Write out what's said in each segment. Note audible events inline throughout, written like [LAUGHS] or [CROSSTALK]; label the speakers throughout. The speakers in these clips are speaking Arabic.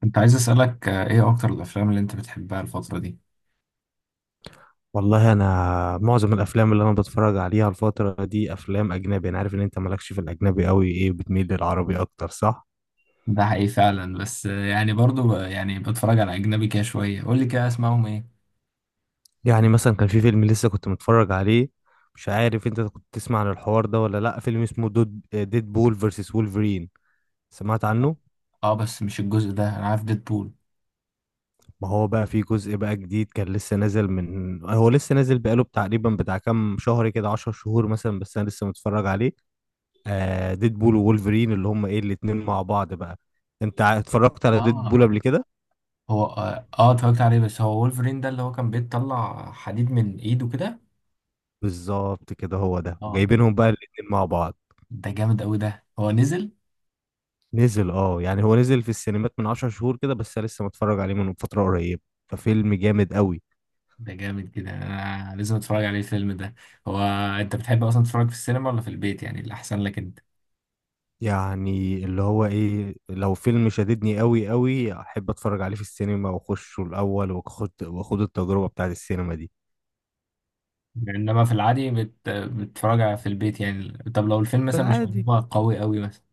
Speaker 1: كنت عايز أسألك إيه أكتر الأفلام اللي أنت بتحبها الفترة دي؟
Speaker 2: والله انا معظم الافلام اللي انا بتفرج عليها الفتره دي افلام اجنبي. انا عارف ان انت مالكش في الاجنبي قوي، ايه بتميل للعربي اكتر صح؟
Speaker 1: ده حقيقي فعلا، بس يعني برضو يعني بتفرج على أجنبي كده شوية. قول لي كده، أسمعهم إيه؟
Speaker 2: يعني مثلا كان في فيلم لسه كنت متفرج عليه. مش عارف انت كنت تسمع عن الحوار ده ولا لا، فيلم اسمه ديد بول فيرسس وولفرين. سمعت عنه.
Speaker 1: آه، بس مش الجزء ده، أنا عارف ديدبول.
Speaker 2: ما هو بقى في جزء بقى جديد، كان لسه نازل، من هو لسه نازل بقاله تقريبا بتاع كام شهر كده، 10 شهور مثلا، بس انا لسه متفرج عليه. ديد بول وولفرين، اللي هم ايه الاتنين مع بعض بقى. انت اتفرجت على ديد بول
Speaker 1: آه،
Speaker 2: قبل كده؟
Speaker 1: هو اتفرجت عليه، بس هو وولفرين ده اللي هو كان بيطلع حديد من إيده كده.
Speaker 2: بالظبط كده، هو ده
Speaker 1: آه،
Speaker 2: جايبينهم بقى الاتنين مع بعض.
Speaker 1: ده جامد أوي. ده هو نزل؟
Speaker 2: نزل يعني هو نزل في السينمات من عشر شهور كده، بس أنا لسه متفرج عليه من فترة قريبة. ففيلم جامد قوي.
Speaker 1: ده جامد كده، أنا لازم أتفرج عليه الفيلم ده. هو أنت بتحب أصلا تتفرج في السينما ولا في البيت، يعني اللي أحسن لك أنت؟
Speaker 2: يعني اللي هو ايه، لو فيلم شددني قوي قوي احب اتفرج عليه في السينما واخشه الاول، واخد التجربة بتاعت السينما دي.
Speaker 1: يعني انما في العادي بتتفرج في البيت، يعني طب لو الفيلم
Speaker 2: في
Speaker 1: مثلا مش
Speaker 2: العادي
Speaker 1: هو قوي قوي مثلا.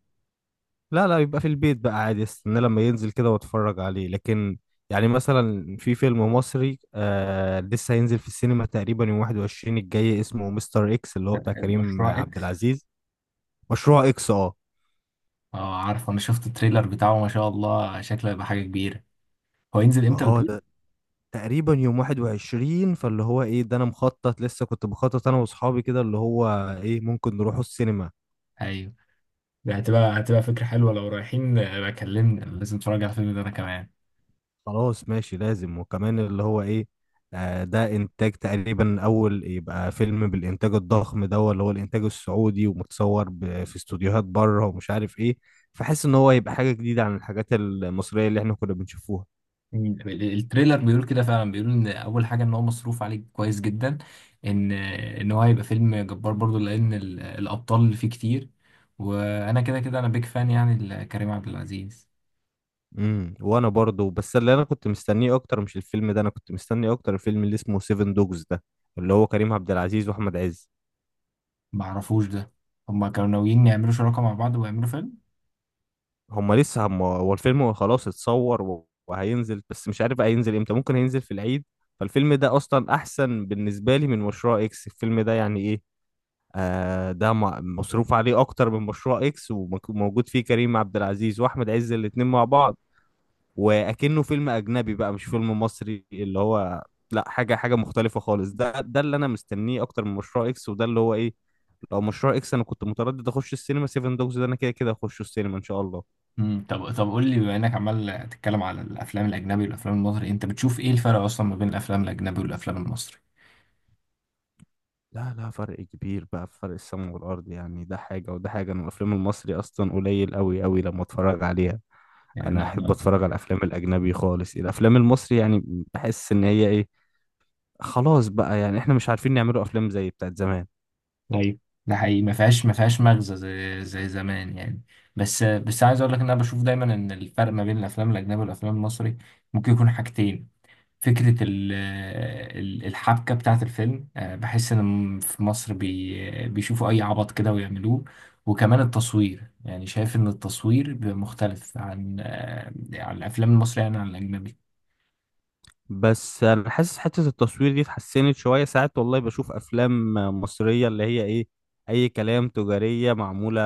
Speaker 2: لا لا، يبقى في البيت بقى عادي، استنى لما ينزل كده واتفرج عليه، لكن يعني مثلا في فيلم مصري لسه هينزل في السينما تقريبا يوم 21 الجاي، اسمه مستر اكس، اللي هو بتاع كريم
Speaker 1: مشروع
Speaker 2: عبد
Speaker 1: اكس.
Speaker 2: العزيز. مشروع اكس اه.
Speaker 1: اه، عارف، انا شفت التريلر بتاعه، ما شاء الله شكله هيبقى حاجه كبيره. هو ينزل
Speaker 2: ما
Speaker 1: امتى
Speaker 2: اه
Speaker 1: بتقول؟
Speaker 2: ده تقريبا يوم 21، فاللي هو ايه ده انا مخطط، لسه كنت بخطط انا واصحابي كده، اللي هو ايه ممكن نروحوا السينما.
Speaker 1: ايوه. ده هتبقى فكره حلوه، لو رايحين بقى كلمني، لازم اتفرج على الفيلم ده انا كمان.
Speaker 2: خلاص ماشي، لازم، وكمان اللي هو ايه، ده انتاج تقريبا اول يبقى فيلم بالانتاج الضخم ده، اللي هو الانتاج السعودي، ومتصور في استوديوهات بره ومش عارف ايه. فحس ان هو يبقى حاجة جديدة عن الحاجات المصرية اللي احنا كنا بنشوفوها.
Speaker 1: مم. التريلر بيقول كده فعلا، بيقول ان اول حاجه ان هو مصروف عليه كويس جدا، ان هو هيبقى فيلم جبار برضو، لان الابطال اللي فيه كتير. وانا كده كده انا بيك فان يعني لكريم عبد العزيز.
Speaker 2: وانا برضو، بس اللي انا كنت مستنيه اكتر مش الفيلم ده، انا كنت مستني اكتر الفيلم اللي اسمه سيفن دوجز ده، اللي هو كريم عبد العزيز واحمد عز.
Speaker 1: معرفوش ده. هما كانوا ناويين يعملوا شراكة مع بعض ويعملوا فيلم؟
Speaker 2: هم لسه هم هو الفيلم خلاص اتصور وهينزل، بس مش عارف بقى هينزل امتى، ممكن هينزل في العيد. فالفيلم ده اصلا احسن بالنسبه لي من مشروع اكس، الفيلم ده يعني ايه. ده مصروف عليه اكتر من مشروع اكس، وموجود فيه كريم عبد العزيز واحمد عز الاتنين مع بعض، واكنه فيلم اجنبي بقى مش فيلم مصري اللي هو. لا، حاجه حاجه مختلفه خالص، ده اللي انا مستنيه اكتر من مشروع اكس، وده اللي هو ايه. لو مشروع اكس انا كنت متردد اخش السينما، 7 دوجز ده انا كده كده اخش السينما ان شاء الله.
Speaker 1: طب قول لي، بما انك عمال تتكلم على الافلام الاجنبي والافلام المصري، انت بتشوف ايه الفرق اصلا ما بين الافلام الاجنبي والافلام المصري؟
Speaker 2: لا لا فرق كبير بقى، في فرق السماء والأرض يعني، ده حاجة وده حاجة. أنا الأفلام المصري أصلا قليل أوي أوي لما أتفرج عليها.
Speaker 1: يعني
Speaker 2: أنا
Speaker 1: انا
Speaker 2: أحب
Speaker 1: انا
Speaker 2: أتفرج على الأفلام الأجنبي خالص، الأفلام المصري يعني بحس إن هي إيه، خلاص بقى يعني إحنا مش عارفين نعملوا أفلام زي بتاعت زمان.
Speaker 1: ايوه، ده حقيقي، ما فيهاش مغزى، زي زمان يعني. بس عايز اقول لك ان انا بشوف دايما ان الفرق ما بين الافلام الاجنبي والافلام المصري ممكن يكون حاجتين. فكرة الحبكة بتاعة الفيلم، بحس إن في مصر بيشوفوا أي عبط كده ويعملوه. وكمان التصوير، يعني شايف إن التصوير بيبقى مختلف عن عن الأفلام المصرية، يعني عن الأجنبي.
Speaker 2: بس أنا حاسس حتة التصوير دي اتحسنت شوية، ساعات والله بشوف أفلام مصرية اللي هي إيه أي كلام، تجارية معمولة،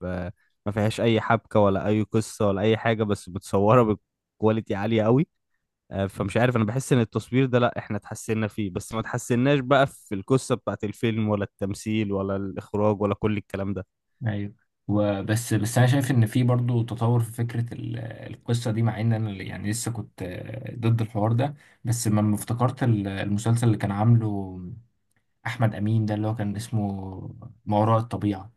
Speaker 2: ب... ما فيهاش أي حبكة ولا أي قصة ولا أي حاجة، بس متصورة بكواليتي عالية أوي. فمش عارف، انا بحس ان التصوير ده لا، احنا اتحسنا فيه بس ما اتحسناش بقى في القصة بتاعت الفيلم ولا التمثيل ولا الاخراج ولا كل الكلام ده.
Speaker 1: أيوة. وبس أنا شايف إن في برضو تطور في فكرة القصة دي، مع إن أنا يعني لسه كنت ضد الحوار ده. بس لما افتكرت المسلسل اللي كان عامله أحمد أمين، ده اللي هو كان اسمه ما وراء الطبيعة.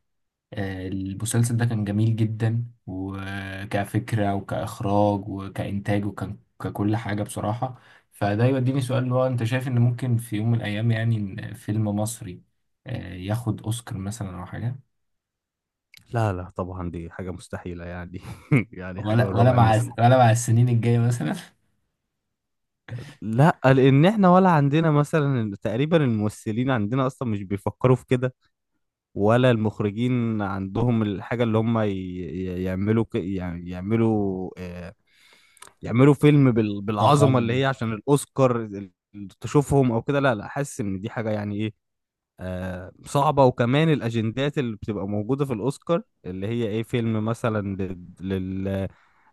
Speaker 1: المسلسل ده كان جميل جدا، وكفكرة وكإخراج وكإنتاج وككل حاجة بصراحة. فده يوديني سؤال، اللي هو أنت شايف إن ممكن في يوم من الأيام، يعني إن فيلم مصري ياخد أوسكار مثلا أو حاجة؟
Speaker 2: لا لا طبعا، دي حاجة مستحيلة يعني. [LAUGHS] يعني حاجة
Speaker 1: ولا
Speaker 2: من
Speaker 1: ولا
Speaker 2: رابع
Speaker 1: مع
Speaker 2: المستحيل.
Speaker 1: ولا مع السنين الجاية مثلا؟ [LAUGHS]
Speaker 2: لا، لان احنا ولا عندنا مثلا تقريبا، الممثلين عندنا اصلا مش بيفكروا في كده، ولا المخرجين عندهم الحاجة اللي هم يعملوا، يعني يعملوا يعملوا فيلم بالعظمة
Speaker 1: ضخامة
Speaker 2: اللي
Speaker 1: دي.
Speaker 2: هي عشان الاوسكار، تشوفهم او كده. لا، لا حاسس ان دي حاجة يعني إيه، صعبة، وكمان الأجندات اللي بتبقى موجودة في الأوسكار اللي هي إيه، فيلم مثلا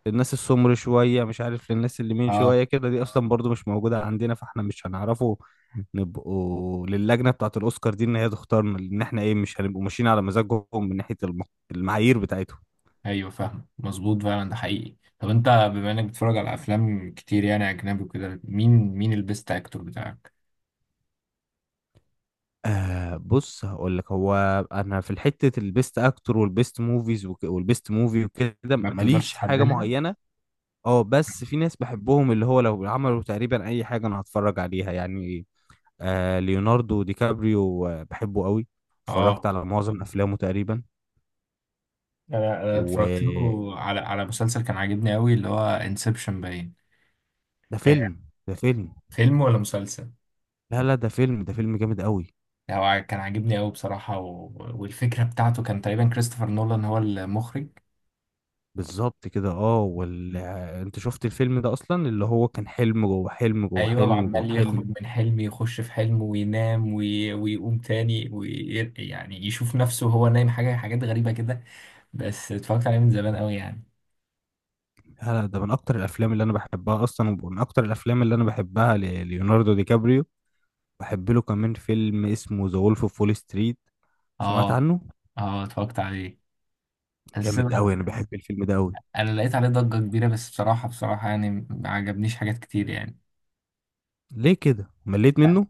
Speaker 2: للناس السمر شوية، مش عارف للناس اللي مين
Speaker 1: أه.
Speaker 2: شوية كده، دي أصلا برضو مش موجودة عندنا، فإحنا مش هنعرفوا نبقوا للجنة بتاعة الأوسكار دي إن هي تختارنا، لأن إحنا إيه مش هنبقوا ماشيين على مزاجهم من ناحية المعايير بتاعتهم.
Speaker 1: أيوه، فاهم، مظبوط فعلا، ده حقيقي. طب أنت بما إنك بتتفرج على أفلام كتير يعني أجنبي وكده، مين البيست أكتور بتاعك؟
Speaker 2: بص هقول لك، هو أنا في الحتة البيست أكتور والبيست موفيز والبيست موفي وكده
Speaker 1: ما بتقدرش
Speaker 2: ماليش حاجة
Speaker 1: تحددها؟
Speaker 2: معينة. اه بس في ناس بحبهم اللي هو لو عملوا تقريبا اي حاجه انا هتفرج عليها يعني. ليوناردو دي كابريو بحبه قوي،
Speaker 1: اه،
Speaker 2: اتفرجت على معظم افلامه تقريبا.
Speaker 1: انا اتفرجت
Speaker 2: وده
Speaker 1: له على مسلسل كان عاجبني قوي، اللي هو انسبشن، باين. آه،
Speaker 2: فيلم ده فيلم
Speaker 1: فيلم ولا مسلسل؟
Speaker 2: لا لا، ده فيلم جامد قوي.
Speaker 1: هو كان عاجبني قوي بصراحة، والفكرة بتاعته كان تقريبا كريستوفر نولان هو المخرج.
Speaker 2: بالظبط كده اه، وال... آه، انت شفت الفيلم ده اصلا، اللي هو كان حلم جوه حلم جوه
Speaker 1: ايوه،
Speaker 2: حلم جوه
Speaker 1: وعمال
Speaker 2: حلم.
Speaker 1: يخرج من حلم يخش في حلم وينام ويقوم تاني يعني يشوف نفسه وهو نايم، حاجات غريبة كده. بس اتفرجت عليه من زمان قوي يعني.
Speaker 2: لا لا، ده من اكتر الافلام اللي انا بحبها اصلا، ومن اكتر الافلام اللي انا بحبها لليوناردو دي كابريو. بحب له كمان فيلم اسمه ذا وولف اوف وول ستريت، سمعت
Speaker 1: اه،
Speaker 2: عنه؟
Speaker 1: اه، اتفرجت عليه. بس
Speaker 2: جامد
Speaker 1: انا
Speaker 2: قوي، انا بحب الفيلم ده قوي.
Speaker 1: أنا لقيت عليه ضجة كبيرة، بس بصراحة بصراحة يعني ما عجبنيش حاجات كتير يعني.
Speaker 2: ليه كده مليت منه؟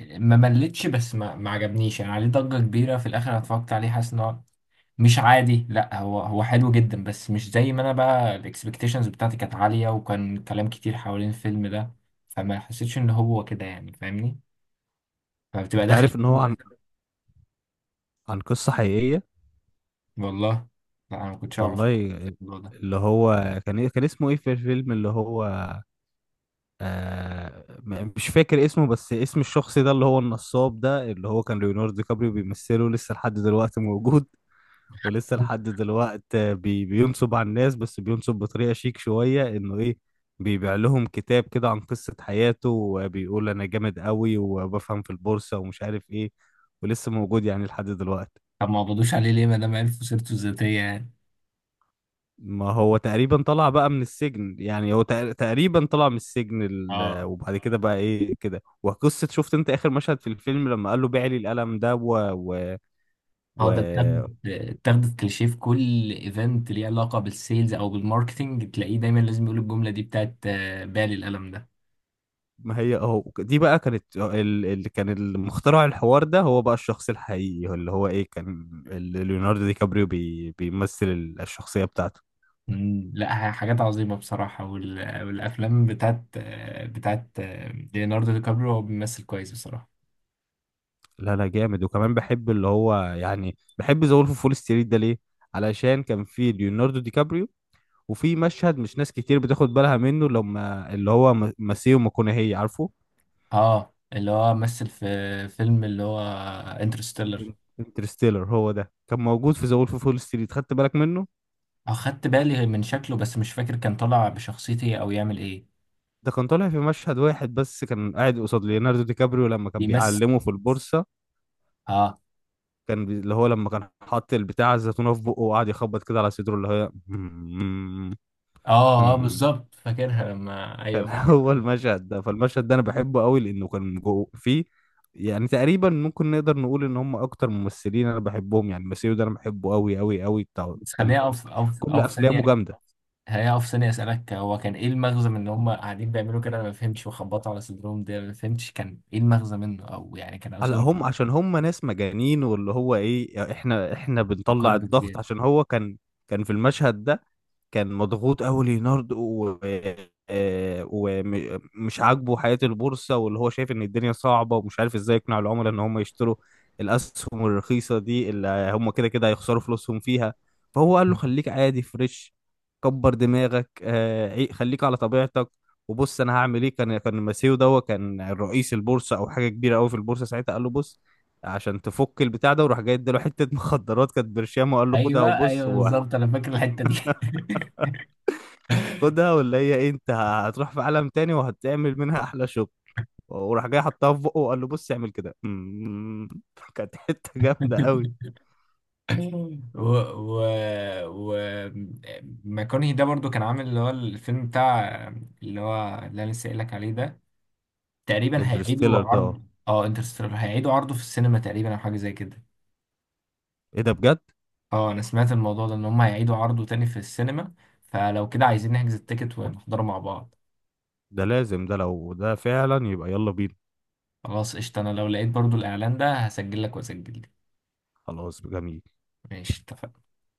Speaker 1: ما ملتش، بس ما عجبنيش، يعني عليه ضجة كبيرة. في الآخر أنا اتفرجت عليه حاسس إن هو مش عادي. لا، هو حلو جدا، بس مش زي ما أنا بقى الإكسبكتيشنز بتاعتي كانت عالية، وكان كلام كتير حوالين الفيلم ده، فما حسيتش إن هو كده، يعني فاهمني، فبتبقى
Speaker 2: انت
Speaker 1: داخل.
Speaker 2: عارف ان هو عن قصة حقيقية؟
Speaker 1: [LAUGHS] والله، لا أنا ما كنتش أعرف
Speaker 2: والله.
Speaker 1: الموضوع ده.
Speaker 2: اللي هو كان كان اسمه ايه في الفيلم اللي هو، مش فاكر اسمه، بس اسم الشخص ده اللي هو النصاب ده اللي هو كان ليوناردو دي كابريو بيمثله، لسه لحد دلوقتي موجود. ولسه لحد دلوقت بينصب على الناس، بس بينصب بطريقة شيك شوية، انه ايه، بيبيع لهم كتاب كده عن قصة حياته وبيقول انا جامد قوي وبفهم في البورصة ومش عارف ايه، ولسه موجود يعني لحد دلوقت.
Speaker 1: طب ما قبضوش عليه ليه ما دام عرفوا سيرته الذاتية يعني؟
Speaker 2: ما هو تقريبا طلع بقى من السجن يعني، هو تقريبا طلع من السجن،
Speaker 1: اه،
Speaker 2: وبعد كده بقى ايه كده، وقصة شفت انت اخر مشهد في الفيلم لما قال له بيع لي القلم ده
Speaker 1: اه،
Speaker 2: و...
Speaker 1: ده اتاخدت كليشيه في كل ايفنت ليه علاقه بالسيلز او بالماركتنج، تلاقيه دايما لازم يقول الجمله دي بتاعت بالي القلم ده.
Speaker 2: ما هي اهو، دي بقى كانت اللي كان المخترع الحوار ده هو بقى الشخص الحقيقي، هو اللي هو ايه كان، اللي ليوناردو دي كابريو بيمثل الشخصية بتاعته.
Speaker 1: لا، حاجات عظيمه بصراحه، والافلام بتاعت ليوناردو دي كابريو، هو بيمثل كويس بصراحه.
Speaker 2: لا لا جامد، وكمان بحب اللي هو يعني بحب ذا وولف فول ستريت ده ليه؟ علشان كان في ليوناردو دي كابريو، وفي مشهد مش ناس كتير بتاخد بالها منه لما اللي هو ماسيو ماكونهي، عارفه؟
Speaker 1: اه، اللي هو مثل في فيلم، اللي هو انترستيلر.
Speaker 2: انترستيلر، هو ده كان موجود في ذا وولف فول ستريت، خدت بالك منه؟
Speaker 1: اخدت بالي من شكله، بس مش فاكر كان طالع بشخصيتي او يعمل ايه.
Speaker 2: ده كان طالع في مشهد واحد بس، كان قاعد قصاد ليوناردو دي كابريو لما كان
Speaker 1: بيمثل.
Speaker 2: بيعلمه في البورصة.
Speaker 1: اه،
Speaker 2: كان اللي هو لما كان حاط البتاع الزيتونة في بقه وقعد يخبط كده على صدره اللي هي...
Speaker 1: اه، اه،
Speaker 2: [LAUGHS]
Speaker 1: بالظبط، فاكرها لما،
Speaker 2: كان
Speaker 1: ايوه.
Speaker 2: هو المشهد ده، فالمشهد ده انا بحبه قوي لانه كان جو فيه. يعني تقريبا ممكن نقدر نقول ان هم اكتر ممثلين انا بحبهم يعني، ماسيو ده انا بحبه قوي قوي قوي بتاع
Speaker 1: بس خليني
Speaker 2: التمثيل.
Speaker 1: اقف اقف
Speaker 2: كل
Speaker 1: اقف
Speaker 2: افلامه
Speaker 1: ثانيه،
Speaker 2: جامدة.
Speaker 1: خليني اقف ثانيه اسالك، هو كان ايه المغزى من ان هم قاعدين بيعملوا كده؟ انا ما فهمتش، وخبطوا على صدرهم دي انا ما فهمتش كان ايه المغزى منه، او يعني كان
Speaker 2: هلا
Speaker 1: قصدهم؟
Speaker 2: هم عشان هم ناس مجانين، واللي هو ايه، احنا بنطلع
Speaker 1: فقره
Speaker 2: الضغط،
Speaker 1: بالزياده.
Speaker 2: عشان هو كان، كان في المشهد ده، كان مضغوط قوي ليوناردو و... آه، ومش عاجبه حياة البورصة، واللي هو شايف ان الدنيا صعبة ومش عارف ازاي يقنع العملاء ان هم يشتروا الاسهم الرخيصة دي اللي هم كده كده هيخسروا فلوسهم فيها. فهو قال له خليك عادي فريش، كبر دماغك، خليك على طبيعتك، وبص انا هعمل ايه. كان ماسيو ده كان رئيس البورصة او حاجة كبيرة قوي في البورصة ساعتها، قال له بص، عشان تفك البتاع ده، وراح جاي اداله حتة مخدرات كانت برشام، وقال له خدها
Speaker 1: ايوه،
Speaker 2: وبص،
Speaker 1: ايوه، بالظبط، انا فاكر الحته دي.
Speaker 2: خدها ولا هي إيه، انت هتروح في عالم تاني وهتعمل منها احلى شغل. وراح جاي حطها في بقه وقال له بص اعمل كده. [LAUGHS] كانت حته جامده قوي.
Speaker 1: [LAUGHS] و و و ماكونهي ده برضو كان عامل اللي هو الفيلم بتاع، اللي هو اللي انا لسه قايل لك عليه ده، تقريبا هيعيدوا
Speaker 2: انترستيلر ده اه،
Speaker 1: عرض انترستيلر، هيعيدوا عرضه في السينما تقريبا، او حاجه زي كده.
Speaker 2: ايه ده بجد؟
Speaker 1: اه، انا سمعت الموضوع ده ان هم هيعيدوا عرضه تاني في السينما، فلو كده عايزين نحجز التيكت ونحضره مع بعض.
Speaker 2: ده لازم، ده لو ده فعلا يبقى يلا بينا.
Speaker 1: خلاص قشطة، انا لو لقيت برضو الاعلان ده هسجل لك واسجل لك.
Speaker 2: خلاص جميل.
Speaker 1: ماشي، اتفقنا.